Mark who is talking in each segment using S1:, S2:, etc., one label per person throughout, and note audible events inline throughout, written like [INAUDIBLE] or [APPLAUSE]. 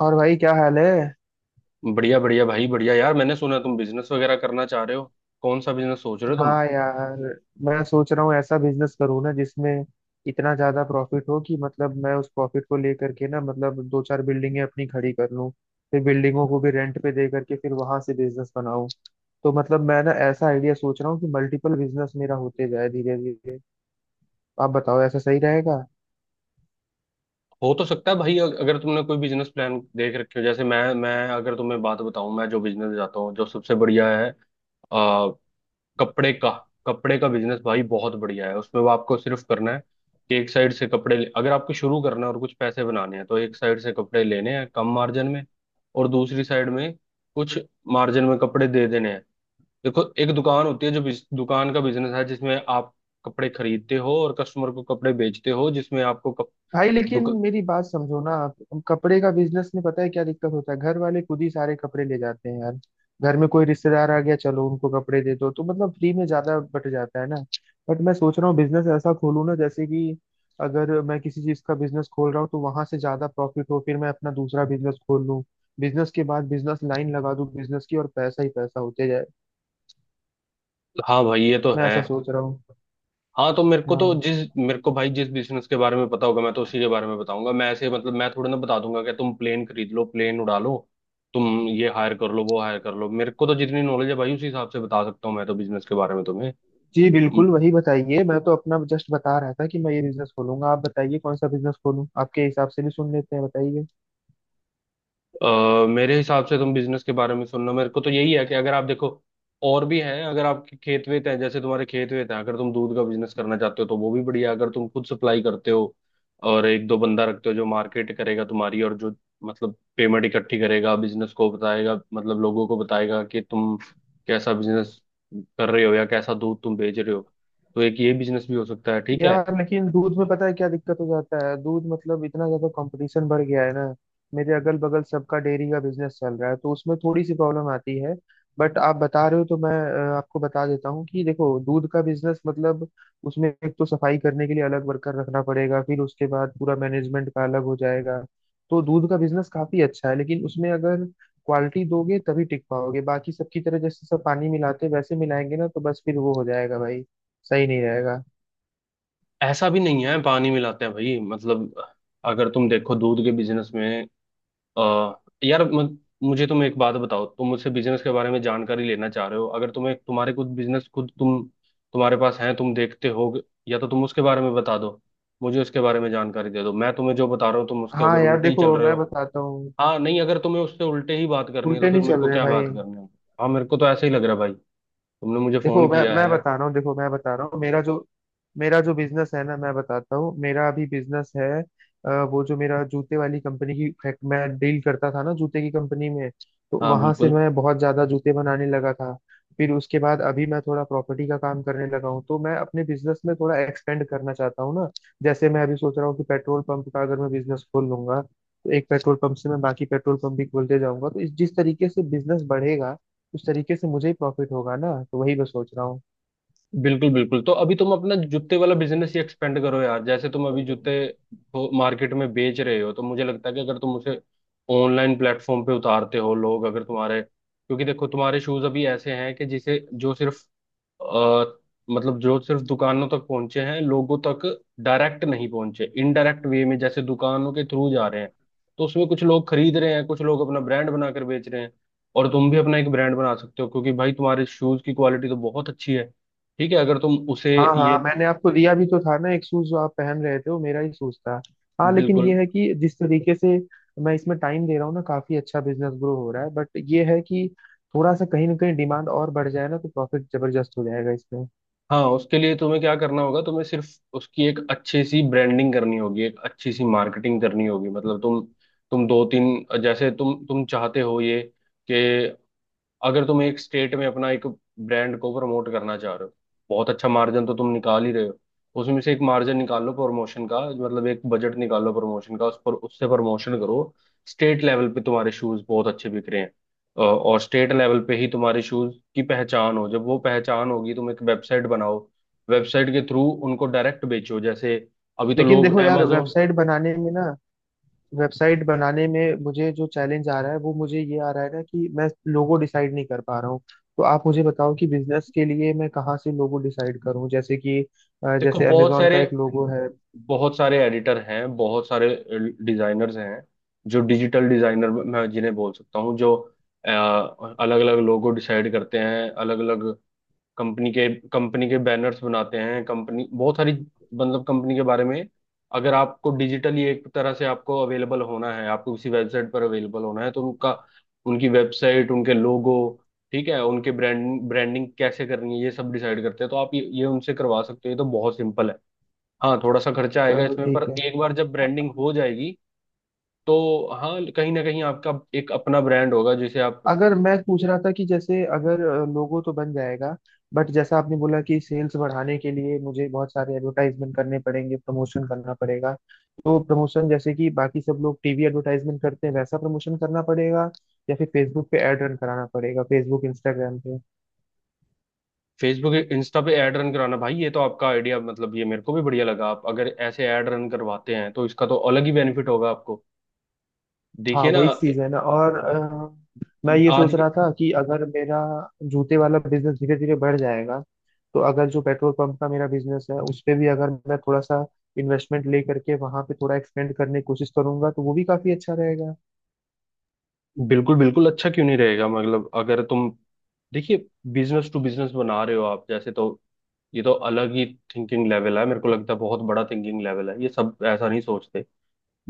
S1: और भाई क्या हाल है?
S2: बढ़िया बढ़िया भाई बढ़िया यार, मैंने सुना तुम बिजनेस वगैरह करना चाह रहे हो। कौन सा बिजनेस सोच रहे हो तुम?
S1: हाँ यार, मैं सोच रहा हूँ ऐसा बिजनेस करूँ ना जिसमें इतना ज्यादा प्रॉफिट हो कि मतलब मैं उस प्रॉफिट को लेकर के ना मतलब दो चार बिल्डिंगें अपनी खड़ी कर लूँ। फिर बिल्डिंगों को भी रेंट पे दे करके फिर वहां से बिजनेस बनाऊँ। तो मतलब मैं ना ऐसा आइडिया सोच रहा हूँ कि मल्टीपल बिजनेस मेरा होते जाए धीरे धीरे। आप बताओ ऐसा सही रहेगा?
S2: हो तो सकता है भाई। अगर तुमने कोई बिजनेस प्लान देख रखे हो, जैसे मैं अगर तुम्हें बात बताऊं, मैं जो बिजनेस जाता हूँ जो सबसे बढ़िया है, आ, कपड़े का। कपड़े का बिजनेस भाई बहुत बढ़िया है। उसमें वो आपको सिर्फ करना है कि एक साइड से अगर आपको शुरू करना है और कुछ पैसे बनाने हैं, तो एक साइड से कपड़े लेने हैं कम मार्जिन में और दूसरी साइड में कुछ मार्जिन में कपड़े दे देने हैं। देखो, एक दुकान होती है जो दुकान का बिजनेस है जिसमें आप कपड़े खरीदते हो और कस्टमर को कपड़े बेचते हो, जिसमें आपको
S1: भाई लेकिन
S2: दुक,
S1: मेरी बात समझो ना, आप अब कपड़े का बिजनेस में पता है क्या दिक्कत होता है? घर वाले खुद ही सारे कपड़े ले जाते हैं यार। घर में कोई रिश्तेदार आ गया, चलो उनको कपड़े दे दो, तो मतलब फ्री में ज्यादा बट जाता है ना। बट मैं सोच रहा हूँ बिजनेस ऐसा खोलूँ ना जैसे कि अगर मैं किसी चीज का बिजनेस खोल रहा हूँ तो वहां से ज्यादा प्रॉफिट हो, फिर मैं अपना दूसरा बिजनेस खोल लूँ। बिजनेस के बाद बिजनेस, लाइन लगा दूँ बिजनेस की और पैसा ही पैसा होते जाए।
S2: हाँ भाई ये तो
S1: मैं
S2: है।
S1: ऐसा सोच रहा हूँ।
S2: हाँ तो मेरे को तो
S1: हाँ
S2: जिस मेरे को भाई जिस बिजनेस के बारे में पता होगा मैं तो उसी के बारे में बताऊंगा। मैं ऐसे मतलब मैं थोड़ा ना बता दूंगा कि तुम प्लेन खरीद लो, प्लेन उड़ा लो, तुम ये हायर कर लो वो हायर कर लो। मेरे को तो जितनी नॉलेज है भाई उसी हिसाब से बता सकता हूँ मैं तो बिजनेस के बारे में तुम्हें।
S1: जी, बिल्कुल वही बताइए। मैं तो अपना जस्ट बता रहा था कि मैं ये बिजनेस खोलूंगा। आप बताइए कौन सा बिजनेस खोलूं, आपके हिसाब से भी सुन लेते हैं, बताइए।
S2: अ, मेरे हिसाब से तुम बिजनेस के बारे में सुनना मेरे को तो यही है कि अगर आप देखो, और भी हैं। अगर आपके खेत वेत हैं, जैसे तुम्हारे खेत वेत हैं, अगर तुम दूध का बिजनेस करना चाहते हो तो वो भी बढ़िया है। अगर तुम खुद सप्लाई करते हो और एक दो बंदा रखते हो जो मार्केट करेगा तुम्हारी, और जो मतलब पेमेंट इकट्ठी करेगा, बिजनेस को बताएगा, मतलब लोगों को बताएगा कि तुम कैसा बिजनेस कर रहे हो या कैसा दूध तुम बेच रहे हो। तो एक ये बिजनेस भी हो सकता है, ठीक है।
S1: यार लेकिन दूध में पता है क्या दिक्कत हो जाता है? दूध मतलब इतना ज्यादा कंपटीशन बढ़ गया है ना। मेरे अगल बगल सबका डेयरी का बिजनेस चल रहा है तो उसमें थोड़ी सी प्रॉब्लम आती है। बट आप बता रहे हो तो मैं आपको बता देता हूँ कि देखो दूध का बिजनेस मतलब उसमें एक तो सफाई करने के लिए अलग वर्कर रखना पड़ेगा, फिर उसके बाद पूरा मैनेजमेंट का अलग हो जाएगा। तो दूध का बिजनेस काफी अच्छा है, लेकिन उसमें अगर क्वालिटी दोगे तभी टिक पाओगे। बाकी सबकी तरह जैसे सब पानी मिलाते हैं, वैसे मिलाएंगे ना तो बस फिर वो हो जाएगा भाई, सही नहीं रहेगा।
S2: ऐसा भी नहीं है पानी मिलाते हैं भाई, मतलब अगर तुम देखो दूध के बिजनेस में, अ, यार मुझे तुम एक बात बताओ, तुम मुझसे बिजनेस के बारे में जानकारी लेना चाह रहे हो। अगर तुम्हें तुम्हारे कुछ बिजनेस खुद तुम तुम्हारे पास है, तुम देखते हो, या तो तुम उसके बारे में बता दो, मुझे उसके बारे में जानकारी दे दो। मैं तुम्हें जो बता रहा हूँ, तुम उसके
S1: हाँ
S2: अगर
S1: यार
S2: उल्टे ही चल
S1: देखो,
S2: रहे हो।
S1: मैं बताता हूँ।
S2: हाँ, नहीं, अगर तुम्हें उससे उल्टे ही बात करनी है तो
S1: उल्टे
S2: फिर
S1: नहीं
S2: मेरे
S1: चल
S2: को
S1: रहे
S2: क्या
S1: भाई।
S2: बात करनी है? हाँ मेरे को तो ऐसे ही लग रहा है भाई। तुमने मुझे फोन
S1: देखो मैं
S2: किया
S1: मैं
S2: है।
S1: बता रहा हूँ, देखो मैं बता रहा हूँ, मेरा जो बिजनेस है ना, मैं बताता हूँ। मेरा अभी बिजनेस है वो जो मेरा जूते वाली कंपनी की फैक्ट, मैं डील करता था ना जूते की कंपनी में। तो
S2: हाँ,
S1: वहां से
S2: बिल्कुल
S1: मैं बहुत ज्यादा जूते बनाने लगा था। फिर उसके बाद अभी मैं थोड़ा प्रॉपर्टी का काम करने लगा हूँ, तो मैं अपने बिजनेस में थोड़ा एक्सपेंड करना चाहता हूँ ना। जैसे मैं अभी सोच रहा हूँ कि पेट्रोल पंप का अगर मैं बिजनेस खोल लूंगा तो एक पेट्रोल पंप से मैं बाकी पेट्रोल पंप भी खोलते जाऊंगा, तो इस जिस तरीके से बिजनेस बढ़ेगा उस तरीके से मुझे ही प्रॉफिट होगा ना। तो वही मैं सोच रहा हूँ।
S2: बिल्कुल बिल्कुल। तो अभी तुम अपना जूते वाला बिजनेस ही एक्सपेंड करो यार। जैसे तुम अभी जूते मार्केट में बेच रहे हो, तो मुझे लगता है कि अगर तुम उसे ऑनलाइन प्लेटफॉर्म पे उतारते हो, लोग अगर तुम्हारे, क्योंकि देखो तुम्हारे शूज अभी ऐसे हैं कि जिसे जो सिर्फ, अ, मतलब जो सिर्फ दुकानों तक पहुंचे हैं, लोगों तक डायरेक्ट नहीं पहुंचे, इनडायरेक्ट वे में जैसे दुकानों के थ्रू जा रहे हैं। तो उसमें कुछ लोग खरीद रहे हैं, कुछ लोग अपना ब्रांड बनाकर बेच रहे हैं। और तुम भी अपना एक ब्रांड बना सकते हो, क्योंकि भाई तुम्हारे शूज की क्वालिटी तो बहुत अच्छी है। ठीक है, अगर तुम उसे,
S1: हाँ
S2: ये,
S1: हाँ, मैंने आपको दिया भी तो था ना एक शूज, जो आप पहन रहे थे वो मेरा ही शूज था। हाँ, लेकिन
S2: बिल्कुल।
S1: ये है कि जिस तरीके से मैं इसमें टाइम दे रहा हूँ ना, काफी अच्छा बिजनेस ग्रो हो रहा है। बट ये है कि थोड़ा सा कहीं ना कहीं डिमांड और बढ़ जाए ना तो प्रॉफिट जबरदस्त हो जाएगा इसमें।
S2: हाँ, उसके लिए तुम्हें क्या करना होगा? तुम्हें सिर्फ उसकी एक अच्छी सी ब्रांडिंग करनी होगी, एक अच्छी सी मार्केटिंग करनी होगी। मतलब तुम दो तीन जैसे तुम चाहते हो ये, कि अगर तुम एक स्टेट में अपना एक ब्रांड को प्रमोट करना चाह रहे हो, बहुत अच्छा मार्जिन तो तुम निकाल ही रहे हो, उसमें से एक मार्जिन निकालो प्रमोशन का, मतलब एक बजट निकालो प्रमोशन का, उस पर उससे प्रमोशन करो। स्टेट लेवल पे तुम्हारे शूज बहुत अच्छे बिक रहे हैं। और स्टेट लेवल पे ही तुम्हारे शूज की पहचान हो, जब वो पहचान होगी, तुम एक वेबसाइट बनाओ। वेबसाइट के थ्रू उनको डायरेक्ट बेचो, जैसे अभी तो
S1: लेकिन
S2: लोग
S1: देखो यार,
S2: amazon,
S1: वेबसाइट बनाने में ना, वेबसाइट बनाने में मुझे जो चैलेंज आ रहा है वो मुझे ये आ रहा है ना कि मैं लोगो डिसाइड नहीं कर पा रहा हूँ। तो आप मुझे बताओ कि बिजनेस के लिए मैं कहाँ से लोगो डिसाइड करूँ? जैसे कि
S2: देखो,
S1: जैसे
S2: बहुत
S1: अमेजोन का
S2: सारे
S1: एक लोगो है।
S2: बहुत सारे एडिटर हैं, बहुत सारे डिजाइनर्स हैं, जो डिजिटल डिजाइनर मैं जिन्हें बोल सकता हूँ, जो अलग अलग लोगो डिसाइड करते हैं, अलग अलग कंपनी के बैनर्स बनाते हैं। कंपनी बहुत सारी, मतलब कंपनी के बारे में, अगर आपको डिजिटली एक तरह से आपको अवेलेबल होना है, आपको किसी वेबसाइट पर अवेलेबल होना है, तो उनका, उनकी वेबसाइट, उनके लोगो, ठीक है, उनके ब्रांड, ब्रांडिंग कैसे करनी है ये सब डिसाइड करते हैं। तो आप ये उनसे करवा सकते हो, ये तो बहुत सिंपल है। हाँ, थोड़ा सा खर्चा आएगा
S1: चलो
S2: इसमें, पर
S1: ठीक है।
S2: एक बार जब ब्रांडिंग हो जाएगी, तो हाँ, कहीं ना कहीं आपका एक अपना ब्रांड होगा जिसे आप,
S1: अगर मैं पूछ रहा था कि जैसे अगर लोगो तो बन जाएगा, बट जैसा आपने बोला कि सेल्स बढ़ाने के लिए मुझे बहुत सारे एडवर्टाइजमेंट करने पड़ेंगे, प्रमोशन करना पड़ेगा। तो प्रमोशन जैसे कि बाकी सब लोग टीवी एडवर्टाइजमेंट करते हैं वैसा प्रमोशन करना पड़ेगा, या फिर फेसबुक पे एड रन कराना पड़ेगा, फेसबुक इंस्टाग्राम पे।
S2: फेसबुक इंस्टा पे ऐड रन कराना भाई, ये तो आपका आइडिया मतलब ये मेरे को भी बढ़िया लगा। आप अगर ऐसे ऐड रन करवाते हैं तो इसका तो अलग ही बेनिफिट होगा आपको।
S1: हाँ
S2: देखिए ना।
S1: वही चीज है ना। और मैं ये
S2: आज।
S1: सोच रहा था कि अगर मेरा जूते वाला बिजनेस धीरे धीरे बढ़ जाएगा, तो अगर जो पेट्रोल पंप का मेरा बिजनेस है उस पे भी अगर मैं थोड़ा सा इन्वेस्टमेंट ले करके वहां पे थोड़ा एक्सपेंड करने की कोशिश करूंगा तो वो भी काफी अच्छा रहेगा।
S2: बिल्कुल बिल्कुल, अच्छा क्यों नहीं रहेगा? मतलब अगर तुम, देखिए, बिजनेस टू बिजनेस बना रहे हो आप, जैसे तो ये तो अलग ही थिंकिंग लेवल है। मेरे को लगता है बहुत बड़ा थिंकिंग लेवल है, ये सब ऐसा नहीं सोचते।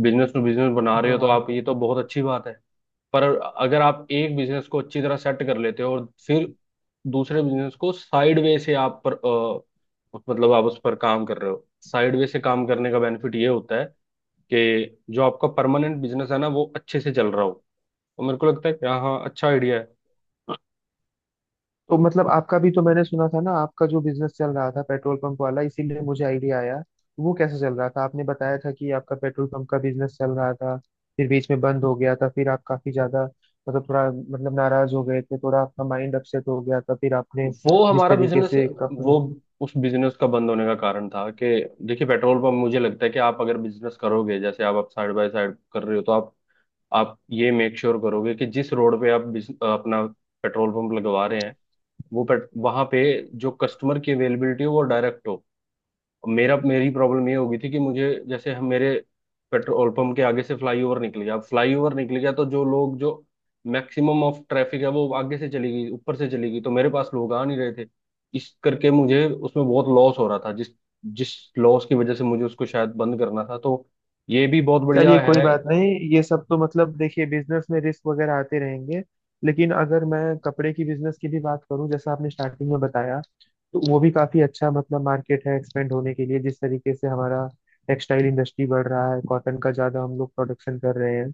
S2: बिजनेस टू बिजनेस बना रहे हो तो
S1: हाँ,
S2: आप, ये तो बहुत अच्छी बात है। पर अगर आप एक बिजनेस को अच्छी तरह सेट कर लेते हो और फिर दूसरे बिजनेस को साइड वे से आप पर, मतलब आप उस पर काम कर रहे हो, साइड वे से काम करने का बेनिफिट ये होता है कि जो आपका परमानेंट बिजनेस है ना वो अच्छे से चल रहा हो। तो मेरे को लगता है कि हाँ हाँ, अच्छा आइडिया है।
S1: तो मतलब आपका भी तो मैंने सुना था ना, आपका जो बिजनेस चल रहा था पेट्रोल पंप वाला, इसीलिए मुझे आइडिया आया। वो कैसे चल रहा था? आपने बताया था कि आपका पेट्रोल पंप का बिजनेस चल रहा था, फिर बीच में बंद हो गया था, फिर आप काफी ज्यादा मतलब थोड़ा मतलब नाराज हो गए थे, थोड़ा आपका माइंड अपसेट हो गया था, फिर आपने
S2: वो
S1: जिस
S2: हमारा
S1: तरीके
S2: बिजनेस,
S1: से।
S2: वो, उस बिजनेस का बंद होने का कारण था कि, देखिए, पेट्रोल पंप मुझे लगता है कि आप अगर बिजनेस करोगे जैसे आप साइड बाय साइड कर रहे हो, तो आप ये मेक श्योर करोगे कि जिस रोड पे आप अपना पेट्रोल पंप लगवा रहे हैं, वो पेट वहाँ पे जो कस्टमर की अवेलेबिलिटी हो वो डायरेक्ट हो। मेरा मेरी प्रॉब्लम ये होगी थी कि मुझे, जैसे हम, मेरे पेट्रोल पंप के आगे से फ्लाईओवर निकल गया। अब फ्लाईओवर निकल गया तो जो लोग, जो मैक्सिमम ऑफ ट्रैफिक है वो आगे से चली गई, ऊपर से चली गई, तो मेरे पास लोग आ नहीं रहे थे। इस करके मुझे उसमें बहुत लॉस हो रहा था, जिस जिस लॉस की वजह से मुझे उसको शायद बंद करना था। तो ये भी बहुत बढ़िया
S1: चलिए कोई
S2: है।
S1: बात नहीं। ये सब तो मतलब देखिए बिजनेस में रिस्क वगैरह आते रहेंगे। लेकिन अगर मैं कपड़े की बिजनेस की भी बात करूं जैसा आपने स्टार्टिंग में बताया, तो वो भी काफी अच्छा मतलब मार्केट है एक्सपेंड होने के लिए। जिस तरीके से हमारा टेक्सटाइल इंडस्ट्री बढ़ रहा है, कॉटन का ज्यादा हम लोग प्रोडक्शन कर रहे हैं।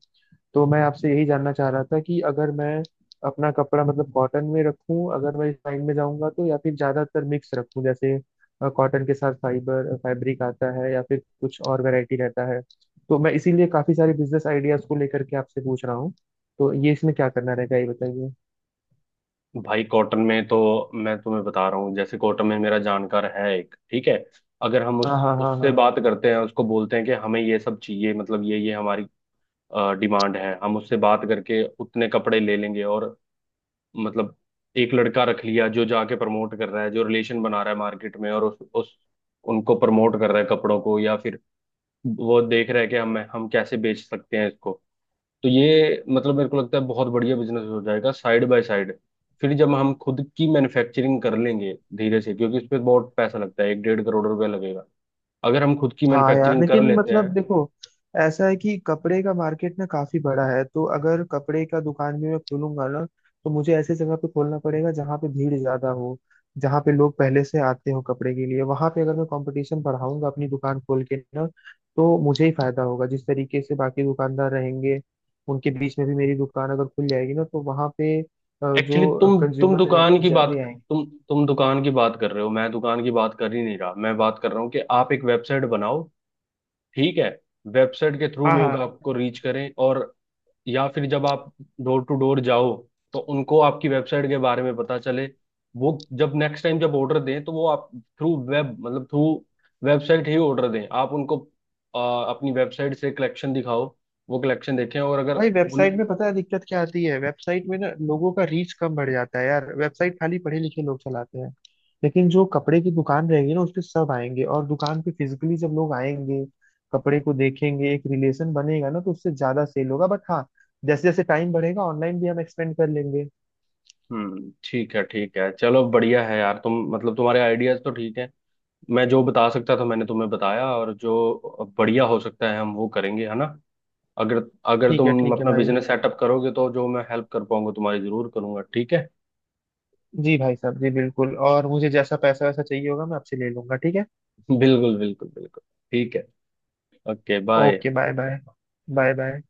S1: तो मैं आपसे यही जानना चाह रहा था कि अगर मैं अपना कपड़ा मतलब कॉटन में रखूं अगर मैं इस लाइन में जाऊंगा तो, या फिर ज्यादातर मिक्स रखूं जैसे कॉटन के साथ फाइबर फैब्रिक आता है या फिर कुछ और वैरायटी रहता है। तो मैं इसीलिए काफी सारे बिजनेस आइडियाज को लेकर के आपसे पूछ रहा हूँ। तो ये इसमें क्या करना रहेगा ये बताइए।
S2: भाई कॉटन में तो मैं तुम्हें बता रहा हूँ, जैसे कॉटन में मेरा जानकार है एक, ठीक है, अगर हम उस
S1: हाँ हाँ हाँ
S2: उससे
S1: हाँ।
S2: बात करते हैं, उसको बोलते हैं कि हमें ये सब चाहिए, मतलब ये हमारी डिमांड है, हम उससे बात करके उतने कपड़े ले लेंगे, और मतलब एक लड़का रख लिया जो जाके प्रमोट कर रहा है, जो रिलेशन बना रहा है मार्केट में, और उस उनको प्रमोट कर रहा है कपड़ों को, या फिर वो देख रहा है कि हम कैसे बेच सकते हैं इसको। तो ये मतलब मेरे को लगता है बहुत बढ़िया बिजनेस हो जाएगा साइड बाय साइड। फिर जब हम खुद की मैन्युफैक्चरिंग कर लेंगे धीरे से, क्योंकि उसपे बहुत पैसा लगता है, एक डेढ़ करोड़ रुपया लगेगा अगर हम खुद की
S1: हाँ यार
S2: मैन्युफैक्चरिंग कर
S1: लेकिन
S2: लेते हैं।
S1: मतलब देखो, ऐसा है कि कपड़े का मार्केट ना काफी बड़ा है, तो अगर कपड़े का दुकान भी मैं खोलूंगा ना तो मुझे ऐसे जगह पे खोलना पड़ेगा जहाँ पे भीड़ ज्यादा हो, जहाँ पे लोग पहले से आते हो कपड़े के लिए। वहां पे अगर मैं कंपटीशन बढ़ाऊंगा अपनी दुकान खोल के ना, तो मुझे ही फायदा होगा। जिस तरीके से बाकी दुकानदार रहेंगे, उनके बीच में भी मेरी दुकान अगर खुल जाएगी ना तो वहां पे
S2: एक्चुअली
S1: जो
S2: तुम
S1: कंज्यूमर रहेंगे
S2: दुकान
S1: वो
S2: की
S1: जल्दी
S2: बात,
S1: आएंगे।
S2: तुम दुकान की बात कर रहे हो, मैं दुकान की बात कर ही नहीं रहा। मैं बात कर रहा हूँ कि आप एक वेबसाइट बनाओ, ठीक है, वेबसाइट के थ्रू
S1: हाँ
S2: लोग
S1: हाँ।
S2: आपको रीच करें, और या फिर जब आप डोर टू डोर जाओ तो उनको आपकी वेबसाइट के बारे में पता चले। वो जब नेक्स्ट टाइम जब ऑर्डर दें तो वो आप थ्रू वेब, मतलब थ्रू वेबसाइट ही ऑर्डर दें। आप उनको, अपनी वेबसाइट से कलेक्शन दिखाओ, वो कलेक्शन देखें, और अगर
S1: भाई
S2: उन,
S1: वेबसाइट में पता है दिक्कत क्या आती है? वेबसाइट में ना लोगों का रीच कम बढ़ जाता है यार। वेबसाइट खाली पढ़े लिखे लोग चलाते हैं। लेकिन जो कपड़े की दुकान रहेगी ना उस पे सब आएंगे, और दुकान पे फिजिकली जब लोग आएंगे, कपड़े को देखेंगे, एक रिलेशन बनेगा ना, तो उससे ज्यादा सेल होगा। बट हाँ, जैसे जैसे टाइम बढ़ेगा ऑनलाइन भी हम एक्सपेंड कर लेंगे।
S2: ठीक है ठीक है, चलो बढ़िया है यार, तुम मतलब तुम्हारे आइडियाज तो ठीक है। मैं जो बता सकता था मैंने तुम्हें बताया, और जो बढ़िया हो सकता है हम वो करेंगे, है ना? अगर,
S1: ठीक है,
S2: तुम
S1: ठीक है
S2: अपना
S1: भाई।
S2: बिजनेस सेटअप करोगे तो जो मैं हेल्प कर पाऊंगा तुम्हारी जरूर करूंगा, ठीक है। [LAUGHS]
S1: जी भाई साहब, जी बिल्कुल। और मुझे जैसा पैसा वैसा चाहिए होगा मैं आपसे ले लूंगा, ठीक है।
S2: बिल्कुल बिल्कुल बिल्कुल। ठीक है। Okay
S1: okay
S2: bye.
S1: Bye. Bye bye. Bye